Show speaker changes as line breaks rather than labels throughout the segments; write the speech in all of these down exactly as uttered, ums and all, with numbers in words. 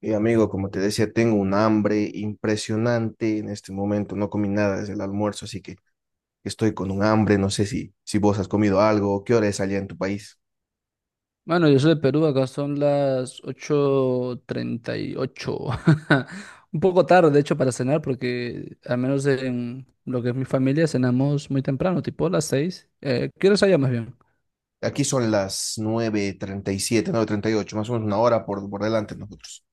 Y amigo, como te decía, tengo un hambre impresionante en este momento. No comí nada desde el almuerzo, así que estoy con un hambre. No sé si, si vos has comido algo. ¿Qué hora es allá en tu país?
Bueno, yo soy de Perú, acá son las ocho treinta y ocho. Un poco tarde, de hecho, para cenar, porque al menos en lo que es mi familia cenamos muy temprano, tipo las seis. Eh, ¿qué hora es allá más bien?
Aquí son las nueve nueve treinta treinta y siete nueve treinta y ocho más o menos una hora por, por delante nosotros.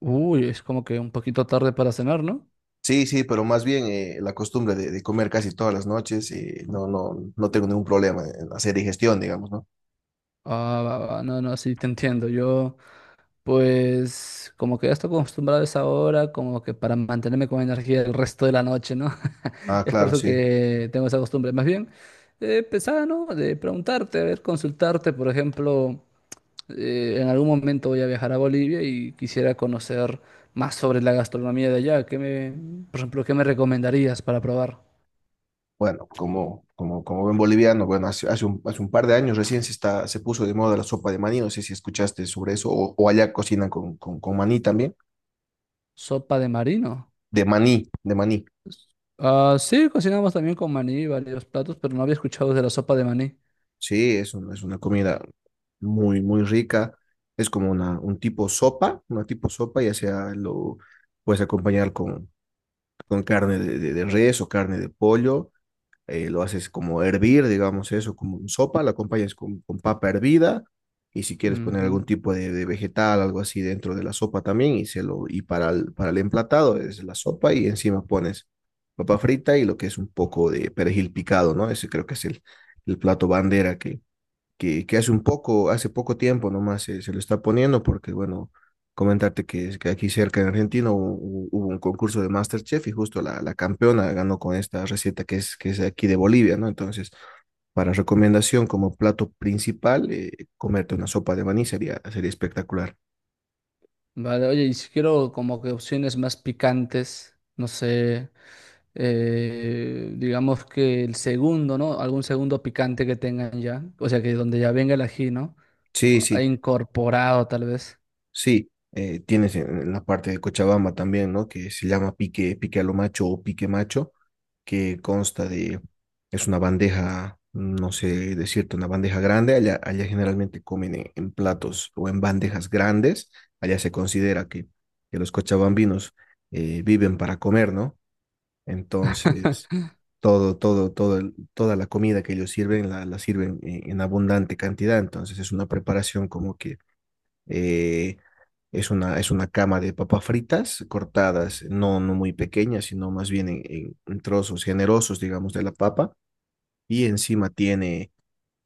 Uy, es como que un poquito tarde para cenar, ¿no?
Sí, sí, pero más bien, eh, la costumbre de, de comer casi todas las noches, eh, no, no, no tengo ningún problema en hacer digestión, digamos, ¿no?
Ah, va, va, no, no, sí, te entiendo. Yo Pues como que ya estoy acostumbrado a esa hora, como que para mantenerme con energía el resto de la noche, ¿no?
Ah,
Es por
claro,
eso
sí.
que tengo esa costumbre. Más bien, eh, pensaba, ¿no? De preguntarte, a ver, consultarte, por ejemplo, eh, en algún momento voy a viajar a Bolivia y quisiera conocer más sobre la gastronomía de allá. ¿Qué me, por ejemplo, ¿qué me recomendarías para probar?
Bueno, como, como, como buen boliviano, bueno, hace, hace un, hace un par de años recién se, está, se puso de moda la sopa de maní, no sé si escuchaste sobre eso, o, o allá cocinan con, con, con maní también,
¿Sopa de marino?
de maní, de maní.
Ah, sí, cocinamos también con maní varios platos, pero no había escuchado de la sopa de maní.
Sí, es, un- es una comida muy, muy rica. Es como una, un tipo sopa, una tipo sopa, ya sea lo puedes acompañar con, con carne de, de- de res o carne de pollo. Eh, lo haces como hervir, digamos eso, como en sopa, la acompañas con, con papa hervida y si quieres poner
Ujú.
algún tipo de, de vegetal, algo así dentro de la sopa también, y, se lo, y para, el, para el emplatado es la sopa y encima pones papa frita y lo que es un poco de perejil picado, ¿no? Ese creo que es el, el plato bandera que, que, que hace un poco, hace poco tiempo nomás se, se lo está poniendo, porque, bueno, comentarte que, es- que aquí cerca en Argentina hubo, hubo un concurso de MasterChef y justo la, la campeona ganó con esta receta que es, que es aquí de Bolivia, ¿no? Entonces, para recomendación como plato principal, eh, comerte una sopa de maní sería, sería espectacular.
Vale, oye, y si quiero como que opciones más picantes, no sé, eh, digamos que el segundo, ¿no? Algún segundo picante que tengan ya, o sea, que donde ya venga el ají, ¿no?
Sí,
Ah,
sí,
incorporado tal vez.
sí. eh, tienes en en la parte de Cochabamba también, ¿no? Que se llama pique, pique a lo macho o pique macho, que consta de, es una bandeja, no sé decirte, una bandeja grande. Allá, allá generalmente comen en, en, platos o en bandejas grandes. Allá se considera que, que los cochabambinos, eh, viven para comer, ¿no? Entonces, todo, todo, todo, el- toda la comida que ellos sirven, la, la sirven en, en, abundante cantidad. Entonces es una preparación como que... eh, es una, es una cama de papas fritas cortadas, no, no muy pequeñas, sino más bien en, en- en trozos generosos, digamos, de la papa. Y encima tiene,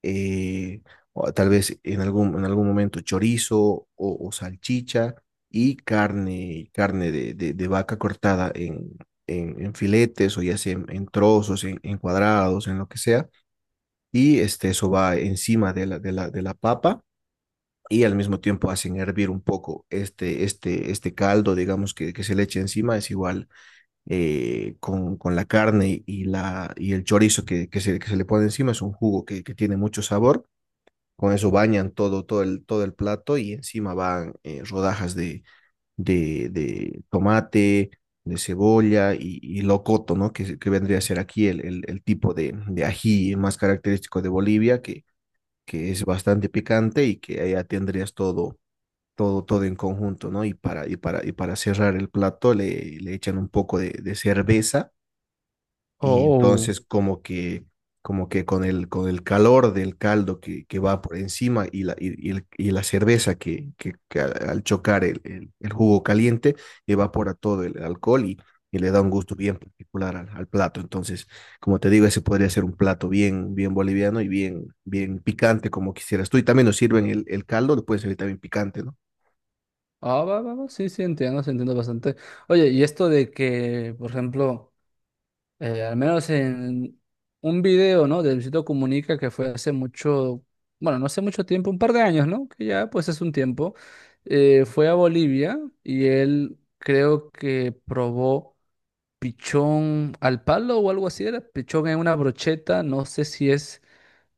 eh, o tal vez en algún, en algún momento, chorizo o, o salchicha y carne, carne de, de- de vaca cortada en, en- en filetes o ya sea en, en trozos, en, en cuadrados, en lo que sea. Y este, eso va encima de la, de la, de la, papa y al mismo tiempo hacen hervir un poco este, este, este caldo, digamos, que, que se le echa encima. Es igual, eh, con, con, la carne y, la, y el chorizo que, que, se, que se le pone encima. Es un jugo que, que, tiene mucho sabor. Con eso bañan todo, todo, el, todo el plato y encima van, eh, rodajas de, de, de, tomate, de cebolla y, y locoto, ¿no? Que, que, vendría a ser aquí el, el, el tipo de, de ají más característico de Bolivia, que que es bastante picante y que allá tendrías todo, todo, todo, en conjunto, ¿no? Y para, y para, y para cerrar el plato le, le echan un poco de, de cerveza. Y
Oh,
entonces, como que, como que con el, con el, calor del caldo que, que va por encima y la, y, y el- y la cerveza, que, que, que al al chocar el, el, el jugo caliente, evapora todo el alcohol y, y le da un gusto bien particular al, al plato. Entonces, como te digo, ese podría ser un plato bien, bien boliviano y bien, bien picante como quisieras tú. Y también nos sirven el, el caldo, lo pueden servir también picante, ¿no?
ah, va, va, va, sí, sí, entiendo, sí, entiendo bastante. Oye, y esto de que, por ejemplo, eh, al menos en un video, ¿no? De Luisito Comunica que fue hace mucho, bueno, no hace mucho tiempo, un par de años, ¿no? Que ya pues es un tiempo. Eh, fue a Bolivia y él creo que probó pichón al palo o algo así, era pichón en una brocheta, no sé si es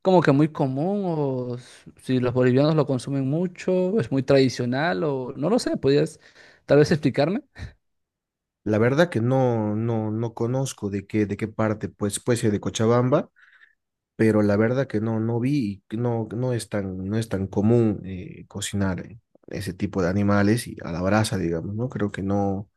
como que muy común o s- si los bolivianos lo consumen mucho, es muy tradicional o no lo sé, podrías tal vez explicarme.
La verdad que no, no, no conozco de qué, de qué parte, pues puede ser de Cochabamba, pero la verdad que no, no vi, y que no, no es tan, no es tan común, eh, cocinar, eh, ese tipo de animales y a la brasa, digamos, ¿no? Creo que no,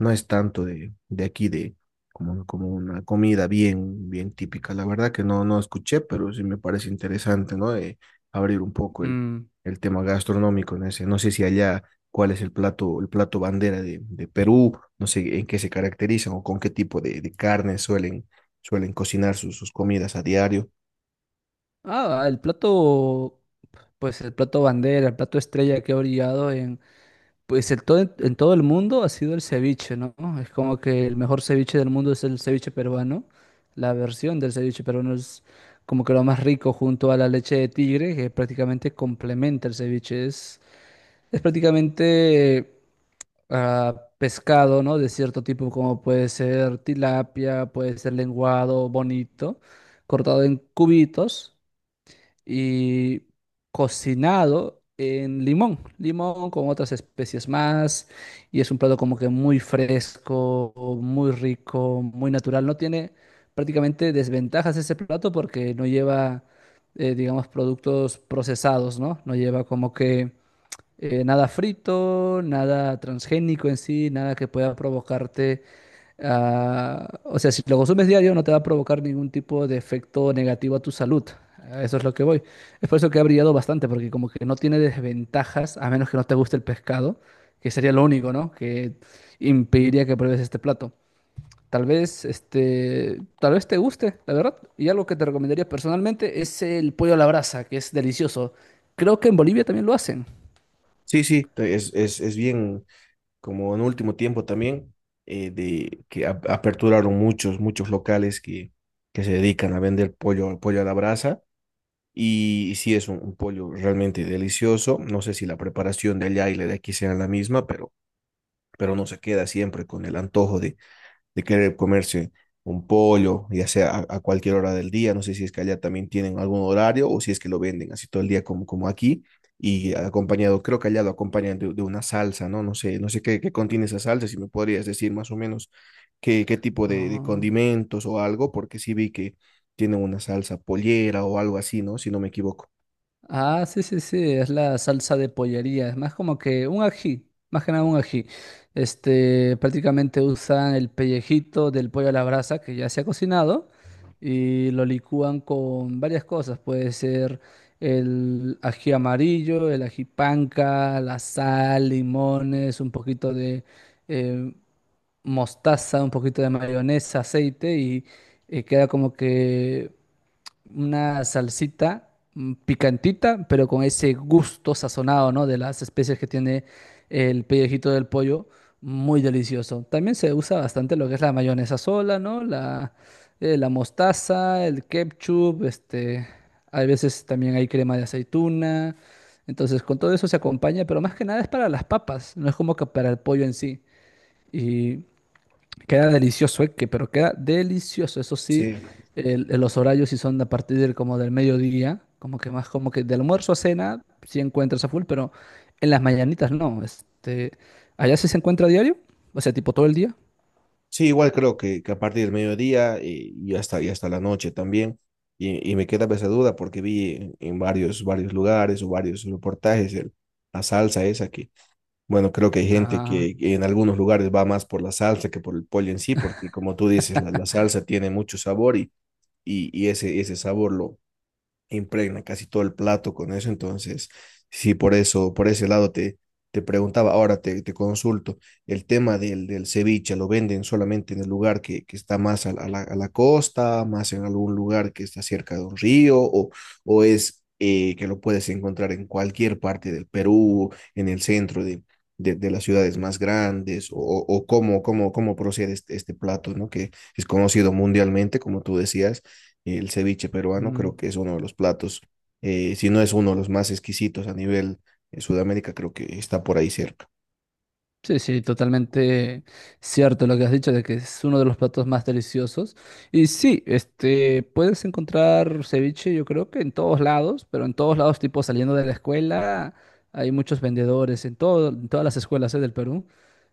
no es tanto de, de aquí, de como, como una comida bien, bien típica. La verdad que no, no escuché, pero sí me parece interesante, ¿no? De abrir un poco el, el, tema gastronómico en ese. No sé si allá cuál es el plato, el plato bandera de, de Perú, no sé en qué se caracterizan o con qué tipo de, de carne suelen, suelen cocinar sus, sus comidas a diario.
Ah, el plato, pues el plato bandera, el plato estrella que ha brillado en, pues el todo, en todo el mundo ha sido el ceviche, ¿no? Es como que el mejor ceviche del mundo es el ceviche peruano. La versión del ceviche peruano es como que lo más rico junto a la leche de tigre, que prácticamente complementa el ceviche. Es, es prácticamente ah, pescado, ¿no? De cierto tipo, como puede ser tilapia, puede ser lenguado, bonito, cortado en cubitos y cocinado en limón, limón con otras especies más, y es un plato como que muy fresco, muy rico, muy natural. No tiene prácticamente desventajas ese plato porque no lleva, eh, digamos, productos procesados, ¿no? No lleva como que eh, nada frito, nada transgénico en sí, nada que pueda provocarte, ah, o sea, si lo consumes diario no te va a provocar ningún tipo de efecto negativo a tu salud. A Eso es lo que voy. Es por eso que ha brillado bastante, porque como que no tiene desventajas, a menos que no te guste el pescado, que sería lo único, ¿no? Que impediría que pruebes este plato. Tal vez, este, tal vez te guste, la verdad. Y algo que te recomendaría personalmente es el pollo a la brasa, que es delicioso. Creo que en Bolivia también lo hacen.
Sí, sí, es, es, es bien como en último tiempo también. Eh, de que a- aperturaron muchos, muchos locales que, que se dedican a vender pollo, pollo a la brasa. Y, sí, es un, un pollo realmente delicioso. No sé si la preparación de allá y la de aquí sea la misma, pero, pero, no se queda siempre con el antojo de de querer comerse un pollo, ya sea a, a cualquier hora del día. No sé si es que allá también tienen algún horario o si es que lo venden así todo el día como, como, aquí. Y acompañado, creo que allá lo acompañan de, de, una salsa, ¿no? No sé, no sé, qué, qué contiene esa salsa, si me podrías decir más o menos qué, qué tipo de, de
Ah.
condimentos o algo, porque sí vi que tiene una salsa pollera o algo así, ¿no? Si no me equivoco.
Ah, sí, sí, sí, es la salsa de pollería, es más como que un ají, más que nada un ají. Este, prácticamente usan el pellejito del pollo a la brasa que ya se ha cocinado y lo licúan con varias cosas, puede ser el ají amarillo, el ají panca, la sal, limones, un poquito de eh, mostaza, un poquito de mayonesa, aceite y eh, queda como que una salsita mm, picantita, pero con ese gusto sazonado, ¿no? De las especias que tiene el pellejito del pollo, muy delicioso. También se usa bastante lo que es la mayonesa sola, ¿no? La, eh, la mostaza, el ketchup, este, hay veces también hay crema de aceituna. Entonces, con todo eso se acompaña, pero más que nada es para las papas, no es como que para el pollo en sí. Queda delicioso, eh, que- pero queda delicioso. Eso sí,
Sí.
el- los horarios sí son a partir del, como del mediodía, como que más como que de almuerzo a cena sí encuentras a full, pero en las mañanitas no. Este, allá sí se encuentra a diario, o sea, tipo todo el día.
Sí, igual creo que, que, a partir del mediodía, eh, y hasta, y hasta la noche también. Y, y me queda esa duda porque vi en, en, varios, varios lugares o varios reportajes el- la salsa esa que, bueno, creo que hay gente
Ah.
que en algunos lugares va más por la salsa que por el pollo en sí, porque, como tú dices, la, la, salsa tiene mucho sabor y, y, y ese, ese sabor lo impregna casi todo el plato con eso. Entonces sí, por eso, por ese lado te, te, preguntaba. Ahora te, te consulto, el tema del, del ceviche, ¿lo venden solamente en el lugar que, que, está más a la, a la, a la costa, más en algún lugar que está cerca de un río, o, o es, eh, que lo puedes encontrar en cualquier parte del Perú, en el centro de, de, de, las ciudades más grandes, o, o cómo, cómo, cómo, procede este, este plato? ¿No? Que es conocido mundialmente, como tú decías, el ceviche peruano creo que es uno de los platos, eh, si no es uno de los más exquisitos a nivel, eh, Sudamérica, creo que está por ahí cerca.
Sí, sí, totalmente cierto lo que has dicho de que es uno de los platos más deliciosos. Y sí, este, puedes encontrar ceviche, yo creo que en todos lados, pero en todos lados, tipo saliendo de la escuela, hay muchos vendedores en todo, en todas las escuelas, eh, del Perú.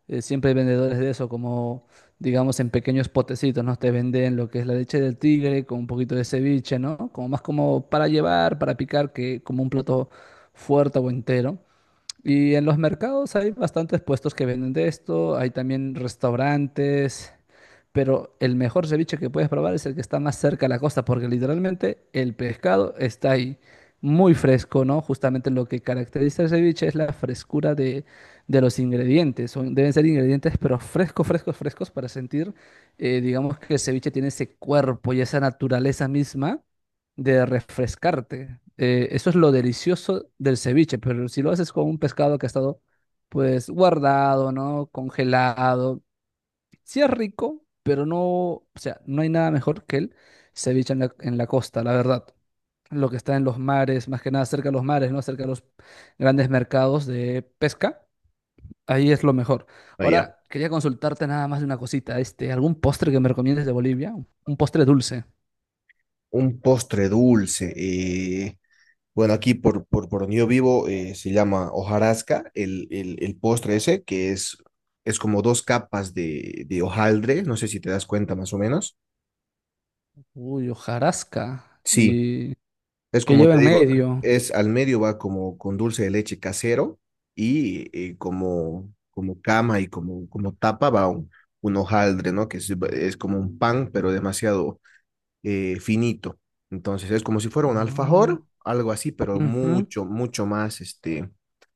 eh, Siempre hay vendedores de eso, como digamos en pequeños potecitos, ¿no? Te venden lo que es la leche del tigre con un poquito de ceviche, ¿no? Como más como para llevar, para picar, que como un plato fuerte o entero. Y en los mercados hay bastantes puestos que venden de esto, hay también restaurantes, pero el mejor ceviche que puedes probar es el que está más cerca a la costa, porque literalmente el pescado está ahí muy fresco, ¿no? Justamente lo que caracteriza el ceviche es la frescura de, de los ingredientes. Son, deben ser ingredientes, pero frescos, frescos, frescos para sentir, eh, digamos que el ceviche tiene ese cuerpo y esa naturaleza misma de refrescarte. Eh, eso es lo delicioso del ceviche, pero si lo haces con un pescado que ha estado pues guardado, ¿no? Congelado. Sí es rico, pero no, o sea, no hay nada mejor que el ceviche en la, en la costa, la verdad. Lo que está en los mares, más que nada cerca de los mares, ¿no? Cerca de los grandes mercados de pesca, ahí es lo mejor.
Allá.
Ahora, quería consultarte nada más de una cosita, este, algún postre que me recomiendes de Bolivia, un postre dulce.
Un postre dulce. Eh, bueno, aquí por, por, por, donde yo vivo, eh, se llama hojarasca, el, el, el, postre ese, que es, es como dos capas de, de hojaldre, no sé si te das cuenta más o menos.
Uy, hojarasca,
Sí,
¿y
es
que
como
lleva
te
en
digo,
medio?
es al medio va como con dulce de leche casero y, y como, como, cama y como, como tapa va un, un, hojaldre, ¿no? Que es, es como un pan, pero demasiado, eh, finito. Entonces es como si fuera un
Ah,
alfajor, algo así, pero
ujú,
mucho, mucho más, este,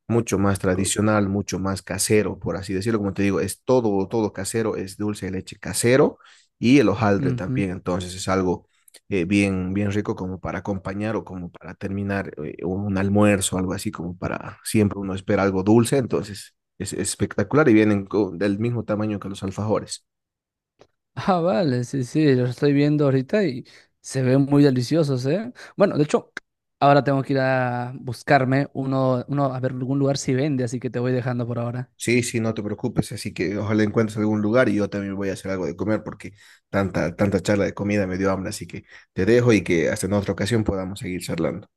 mucho más
co-
tradicional, mucho más casero, por así decirlo. Como te digo, es todo, todo casero, es dulce de leche casero y el hojaldre
ujú.
también. Entonces es algo, eh, bien, bien rico como para acompañar o como para terminar, eh, un almuerzo, algo así, como para siempre uno espera algo dulce. Entonces es, es, espectacular y vienen co- del mismo tamaño que los alfajores.
Ah, vale, sí, sí, los estoy viendo ahorita y se ven muy deliciosos, ¿eh? Bueno, de hecho, ahora tengo que ir a buscarme uno, uno a ver algún lugar si vende, así que te voy dejando por ahora.
Sí, sí, no te preocupes, así que ojalá encuentres algún lugar y yo también voy a hacer algo de comer porque tanta, tanta charla de comida me dio hambre, así que te dejo y que hasta en otra ocasión podamos seguir charlando.